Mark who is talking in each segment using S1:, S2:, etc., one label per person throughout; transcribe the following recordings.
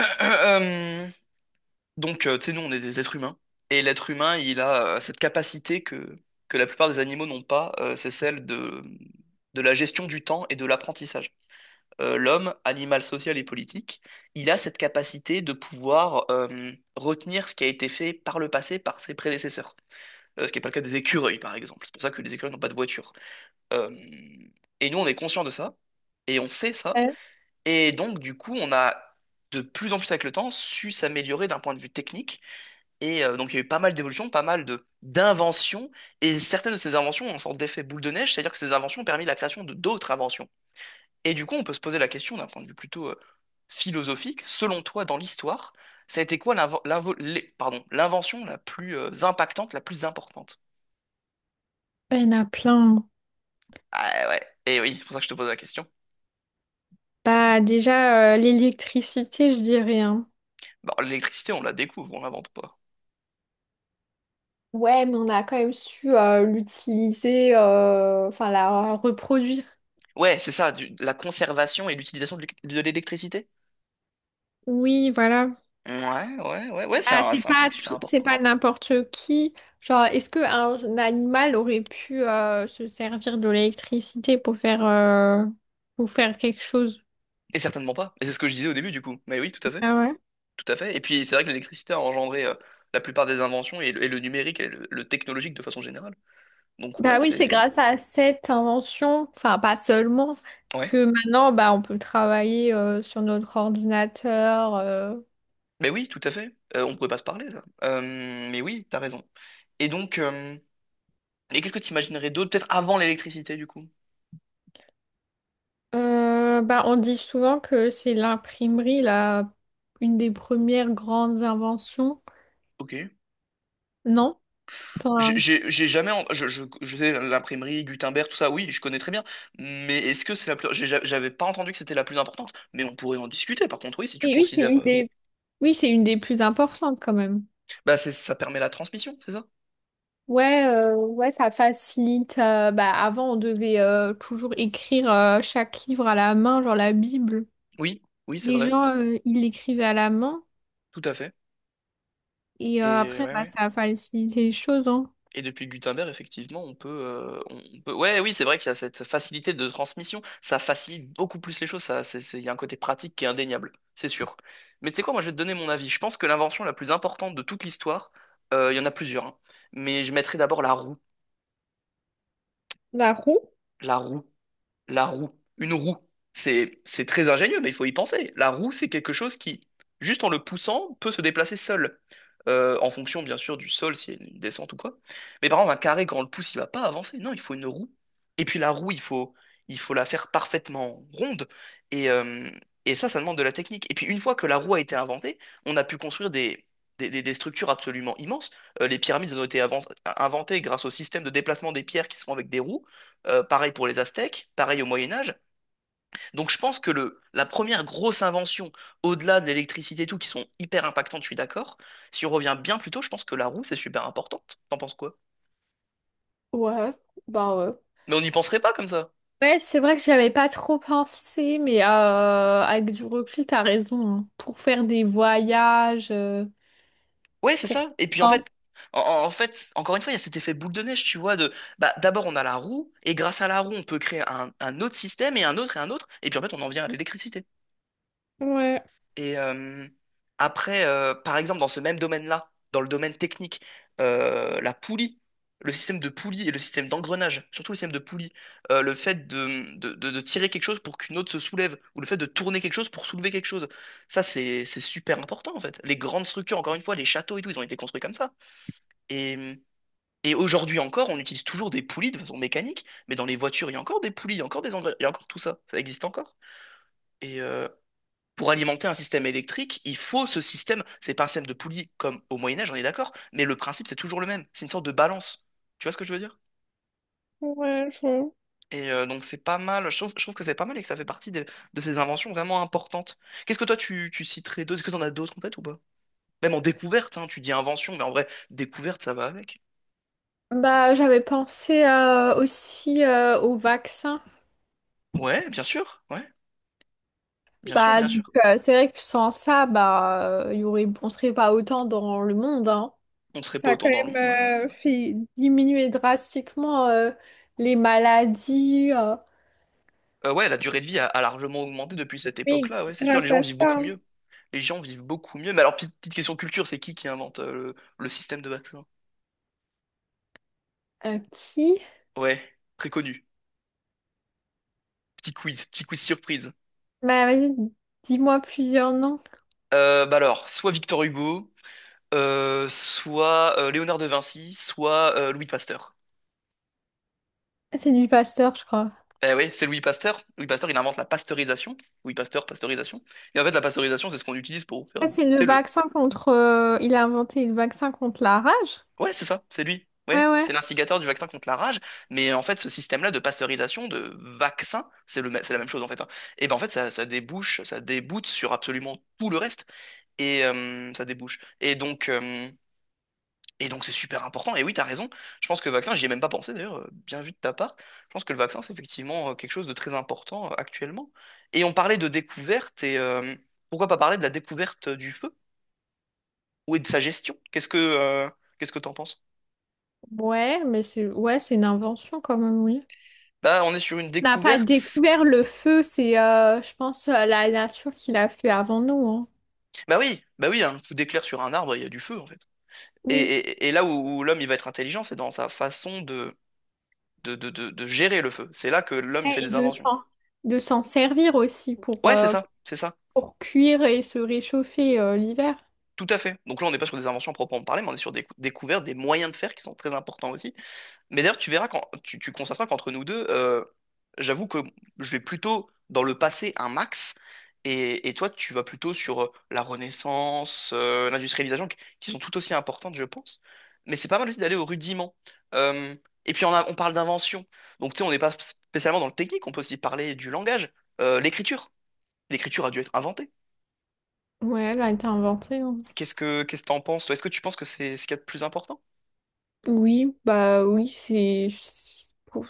S1: Euh, euh, donc, tu sais, nous, on est des êtres humains. Et l'être humain, il a cette capacité que la plupart des animaux n'ont pas, c'est celle de la gestion du temps et de l'apprentissage. L'homme, animal social et politique, il a cette capacité de pouvoir retenir ce qui a été fait par le passé par ses prédécesseurs. Ce qui n'est pas le cas des écureuils, par exemple. C'est pour ça que les écureuils n'ont pas de voiture. Euh, et nous, on est conscient de ça, et on sait ça,
S2: Euh,
S1: et donc, du coup, on a de plus en plus avec le temps su s'améliorer d'un point de vue technique. Et donc, il y a eu pas mal d'évolutions, pas mal de d'inventions. Et certaines de ces inventions ont un sorte d'effet boule de neige, c'est-à-dire que ces inventions ont permis la création de d'autres inventions. Et du coup, on peut se poser la question d'un point de vue plutôt philosophique. Selon toi, dans l'histoire, ça a été quoi pardon, l'invention la plus impactante, la plus importante?
S2: Il y en a plein.
S1: Ah ouais, et oui, c'est pour ça que je te pose la question.
S2: Bah déjà, l'électricité, je dirais, hein.
S1: Bon, l'électricité, on la découvre, on l'invente pas.
S2: Ouais, mais on a quand même su l'utiliser, enfin la reproduire.
S1: Ouais, c'est ça, la conservation et l'utilisation de de l'électricité.
S2: Oui, voilà.
S1: Ouais, ouais, ouais, ouais, c'est
S2: Ah,
S1: un,
S2: c'est
S1: c'est un point
S2: pas
S1: qui est super
S2: tout, c'est
S1: important.
S2: pas n'importe qui. Genre, est-ce qu'un animal aurait pu se servir de l'électricité pour faire quelque chose.
S1: Et certainement pas. Et c'est ce que je disais au début, du coup. Mais oui, tout à fait.
S2: Ah ouais.
S1: Tout à fait. Et puis, c'est vrai que l'électricité a engendré la plupart des inventions et le numérique et le technologique de façon générale. Donc, ouais,
S2: Bah oui, c'est
S1: c'est. Ouais.
S2: grâce à cette invention, enfin pas seulement,
S1: Ouais.
S2: que maintenant bah, on peut travailler sur notre ordinateur.
S1: Mais oui, tout à fait. On pourrait pas se parler, là. Mais oui, t'as raison. Et donc, et qu'est-ce que tu imaginerais d'autre, peut-être avant l'électricité, du coup?
S2: Bah, on dit souvent que c'est l'imprimerie, là, une des premières grandes inventions,
S1: Ok.
S2: non? T'en
S1: J'ai
S2: as-
S1: j'ai- j'ai jamais, je sais l'imprimerie Gutenberg, tout ça, oui, je connais très bien. Mais est-ce que c'est la plus, j'avais pas entendu que c'était la plus importante. Mais on pourrait en discuter. Par contre, oui, si tu
S2: Et oui, c'est
S1: considères,
S2: une des... Oui, c'est une des plus importantes quand même.
S1: bah c'est, ça permet la transmission, c'est ça?
S2: Ouais, Ça facilite, bah, avant, on devait toujours écrire chaque livre à la main, genre la Bible.
S1: Oui, oui, c'est
S2: Les
S1: vrai,
S2: gens, ils l'écrivaient à la main.
S1: tout à fait.
S2: Et
S1: Et
S2: après,
S1: ouais,
S2: bah,
S1: ouais.
S2: ça a facilité les choses, hein.
S1: Et depuis Gutenberg, effectivement, on peut. Ouais, oui, c'est vrai qu'il y a cette facilité de transmission. Ça facilite beaucoup plus les choses. Il y a un côté pratique qui est indéniable, c'est sûr. Mais tu sais quoi, moi, je vais te donner mon avis. Je pense que l'invention la plus importante de toute l'histoire, il y en a plusieurs, hein. Mais je mettrai d'abord la roue.
S2: La roue?
S1: La roue. La roue, une roue, c'est très ingénieux, mais il faut y penser. La roue, c'est quelque chose qui, juste en le poussant, peut se déplacer seul. En fonction, bien sûr, du sol, s'il y a une descente ou quoi. Mais par exemple, un carré, quand on le pousse, il va pas avancer. Non, il faut une roue. Et puis la roue, il faut la faire parfaitement ronde. Et, euh, et ça, ça demande de la technique. Et puis une fois que la roue a été inventée, on a pu construire des structures absolument immenses. Les pyramides elles ont été inventées grâce au système de déplacement des pierres qui sont avec des roues. Pareil pour les Aztèques, pareil au Moyen Âge. Donc je pense que la première grosse invention, au-delà de l'électricité et tout, qui sont hyper impactantes, je suis d'accord. Si on revient bien plus tôt, je pense que la roue, c'est super importante. T'en penses quoi?
S2: Ouais, bah ouais.
S1: Mais on n'y penserait pas comme ça.
S2: Ouais, c'est vrai que j'avais pas trop pensé, mais avec du recul, t'as raison, hein. Pour faire des voyages,
S1: Ouais, c'est
S2: pour...
S1: ça. Et puis en
S2: Hein.
S1: fait, en fait, encore une fois, il y a cet effet boule de neige, tu vois, de bah d'abord on a la roue, et grâce à la roue, on peut créer un autre système, et un autre, et un autre, et puis en fait, on en vient à l'électricité.
S2: Ouais,
S1: Et après, par exemple, dans ce même domaine-là, dans le domaine technique, la poulie, le système de poulie et le système d'engrenage, surtout le système de poulie, le fait de tirer quelque chose pour qu'une autre se soulève, ou le fait de tourner quelque chose pour soulever quelque chose, ça c'est super important en fait. Les grandes structures, encore une fois, les châteaux et tout, ils ont été construits comme ça. Et, et aujourd'hui encore, on utilise toujours des poulies de façon mécanique, mais dans les voitures, il y a encore des poulies, il y a encore des engrenages, il y a encore tout ça, ça existe encore. Et, euh, pour alimenter un système électrique, il faut ce système. C'est pas un système de poulie comme au Moyen Âge, on est d'accord, mais le principe c'est toujours le même. C'est une sorte de balance. Tu vois ce que je veux dire?
S2: ouais, je
S1: Et donc c'est pas mal. Je trouve que c'est pas mal et que ça fait partie de ces inventions vraiment importantes. Qu'est-ce que toi tu citerais d'autres? Est-ce que t'en as d'autres en tête ou pas? Même en découverte, hein, tu dis invention, mais en vrai, découverte, ça va avec.
S2: Bah, j'avais pensé aussi au vaccin.
S1: Ouais, bien sûr,
S2: Bah,
S1: bien
S2: donc,
S1: sûr.
S2: c'est vrai que sans ça, bah, on serait pas autant dans le monde, hein.
S1: On serait
S2: Ça
S1: pas
S2: a quand
S1: autant dans le
S2: même
S1: monde, ouais, ouais.
S2: fait diminuer drastiquement les maladies.
S1: Ouais, la durée de vie a largement augmenté depuis cette
S2: Oui,
S1: époque-là, ouais, c'est sûr. Les
S2: grâce
S1: gens
S2: à
S1: vivent beaucoup
S2: ça.
S1: mieux. Les gens vivent beaucoup mieux. Mais alors, petite question culture, c'est qui invente le système de vaccin?
S2: Qui?
S1: Ouais, très connu. Petit quiz surprise.
S2: Bah, vas-y, dis-moi plusieurs noms.
S1: Bah alors, soit Victor Hugo, soit Léonard de Vinci, soit Louis Pasteur.
S2: Ah, c'est du Pasteur, je crois.
S1: Eh oui, c'est Louis Pasteur. Louis Pasteur, il invente la pasteurisation. Louis Pasteur, pasteurisation. Et en fait, la pasteurisation, c'est ce qu'on utilise pour faire
S2: Ah,
S1: du
S2: c'est le
S1: thé.
S2: vaccin contre, il a inventé le vaccin contre la rage?
S1: Ouais, c'est ça, c'est lui.
S2: Ouais,
S1: Ouais,
S2: ouais.
S1: c'est l'instigateur du vaccin contre la rage. Mais en fait, ce système-là de pasteurisation, de vaccin, c'est la même chose en fait, hein. Et ben en fait, ça déboute sur absolument tout le reste. Et ça débouche. Et donc c'est super important. Et oui, t'as raison. Je pense que le vaccin, j'y ai même pas pensé d'ailleurs. Bien vu de ta part. Je pense que le vaccin, c'est effectivement quelque chose de très important actuellement. Et on parlait de découverte. Et pourquoi pas parler de la découverte du feu ou et de sa gestion? Qu'est-ce que t'en penses?
S2: Ouais, mais c'est une invention quand même, oui.
S1: Bah, on est sur une
S2: On n'a pas
S1: découverte.
S2: découvert le feu, je pense, la nature qui l'a fait avant nous, hein.
S1: Bah oui, un coup d'éclair sur un arbre, il y a du feu, en fait. Et,
S2: Oui.
S1: et- et là où l'homme, il va être intelligent, c'est dans sa façon de gérer le feu. C'est là que l'homme, il
S2: Ouais,
S1: fait
S2: et
S1: des
S2: de
S1: inventions.
S2: s'en de s'en servir aussi pour,
S1: Ouais, c'est
S2: euh,
S1: ça, c'est ça.
S2: pour cuire et se réchauffer l'hiver.
S1: Tout à fait. Donc là, on n'est pas sur des inventions à proprement parler, mais on est sur des découvertes, des moyens de faire qui sont très importants aussi. Mais d'ailleurs, tu verras quand tu constateras qu'entre nous deux, j'avoue que je vais plutôt dans le passé un max, et toi, tu vas plutôt sur la Renaissance, l'industrialisation, qui sont tout aussi importantes, je pense. Mais c'est pas mal aussi d'aller au rudiment. Euh, et puis on parle d'invention. Donc tu sais, on n'est pas spécialement dans le technique, on peut aussi parler du langage, l'écriture. L'écriture a dû être inventée.
S2: Ouais, elle a été inventée, hein.
S1: Qu'est-ce que t'en penses, toi? Est-ce que tu penses que c'est ce qu'il y a de plus important?
S2: Oui, bah oui, c'est... Ouf.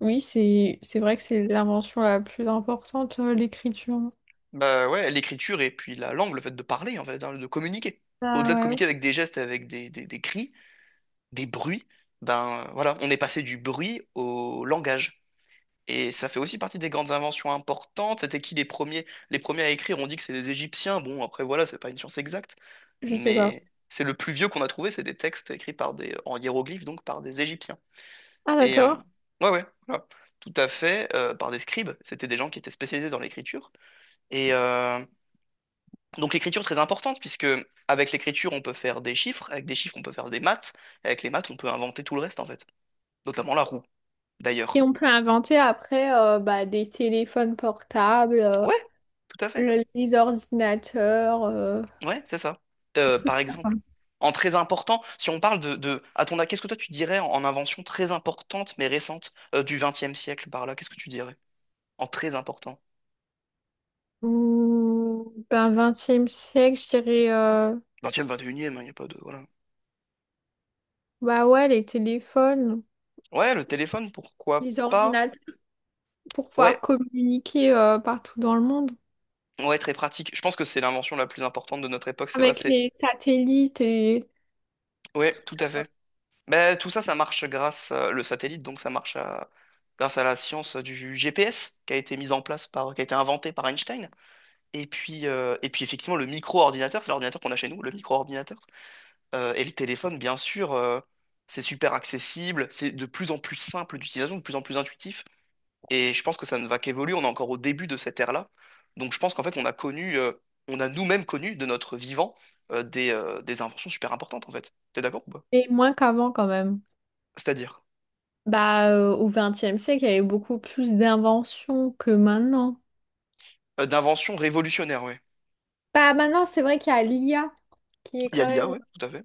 S2: Oui, c'est vrai que c'est l'invention la plus importante, l'écriture.
S1: Bah ouais, l'écriture et puis la langue, le fait de parler, en fait, hein, de communiquer.
S2: Ah
S1: Au-delà de
S2: ouais,
S1: communiquer avec des gestes, avec des cris, des bruits, ben voilà, on est passé du bruit au langage. Et ça fait aussi partie des grandes inventions importantes. C'était qui les premiers à écrire? On dit que c'est des Égyptiens. Bon, après voilà, c'est pas une science exacte,
S2: je sais pas.
S1: mais c'est le plus vieux qu'on a trouvé, c'est des textes écrits en hiéroglyphes, donc par des Égyptiens.
S2: Ah
S1: Et
S2: d'accord.
S1: ouais, ouais, voilà. Tout à fait, par des scribes. C'était des gens qui étaient spécialisés dans l'écriture. Et donc l'écriture est très importante puisque avec l'écriture on peut faire des chiffres, avec des chiffres on peut faire des maths, et avec les maths on peut inventer tout le reste en fait, notamment la roue d'ailleurs.
S2: Et on peut inventer après bah, des téléphones portables, euh,
S1: Ouais, tout à fait.
S2: le- les ordinateurs,
S1: Ouais, c'est ça. Euh,
S2: tout
S1: par
S2: ça, quoi.
S1: exemple, en très important, si on parle de à ton avis, qu'est-ce que toi tu dirais en invention très importante mais récente du XXe siècle par là, qu'est-ce que tu dirais en très important?
S2: Mmh, ben, XXe siècle, je dirais,
S1: XXe, XXIe, il n'y a pas de voilà.
S2: bah ouais, les téléphones,
S1: Ouais, le téléphone, pourquoi
S2: les
S1: pas?
S2: ordinateurs, pour pouvoir
S1: Ouais,
S2: communiquer partout dans le monde
S1: ouais, très pratique. Je pense que c'est l'invention la plus importante de notre époque, c'est vrai,
S2: avec
S1: c'est
S2: les satellites et
S1: ouais,
S2: tout
S1: tout
S2: ça,
S1: à
S2: quoi.
S1: fait. Mais tout ça, ça marche grâce le satellite, donc ça marche grâce à la science du GPS qui a été mise en place qui a été inventée par Einstein. Et puis, effectivement, le micro-ordinateur, c'est l'ordinateur qu'on a chez nous, le micro-ordinateur. Et le téléphone, bien sûr, c'est super accessible, c'est de plus en plus simple d'utilisation, de plus en plus intuitif. Et je pense que ça ne va qu'évoluer. On est encore au début de cette ère-là. Donc je pense qu'en fait, on a nous-mêmes connu de notre vivant des inventions super importantes, en fait. T'es d'accord ou pas?
S2: Et moins qu'avant quand même.
S1: C'est-à-dire.
S2: Bah, au XXe siècle, il y avait beaucoup plus d'inventions que maintenant.
S1: D'invention révolutionnaire, oui.
S2: Bah, maintenant, c'est vrai qu'il y a l'IA qui est
S1: Il y a
S2: quand
S1: l'IA,
S2: même...
S1: oui, tout à fait.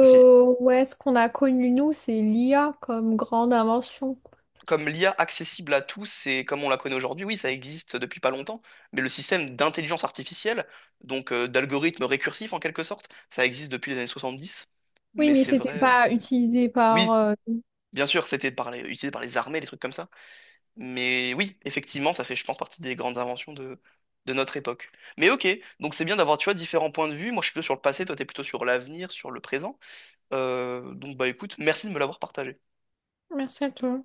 S1: Bah, c'est
S2: ouais, ce qu'on a connu, nous, c'est l'IA comme grande invention.
S1: comme l'IA accessible à tous et comme on la connaît aujourd'hui, oui, ça existe depuis pas longtemps, mais le système d'intelligence artificielle, donc d'algorithme récursif en quelque sorte, ça existe depuis les années 70,
S2: Oui,
S1: mais
S2: mais
S1: c'est
S2: c'était
S1: vrai.
S2: pas utilisé par...
S1: Oui, bien sûr, c'était utilisé par les armées, des trucs comme ça, mais oui, effectivement, ça fait, je pense, partie des grandes inventions de notre époque. Mais ok, donc c'est bien d'avoir, tu vois, différents points de vue. Moi, je suis plutôt sur le passé, toi, t'es plutôt sur l'avenir, sur le présent. Donc, bah écoute, merci de me l'avoir partagé.
S2: Merci à toi.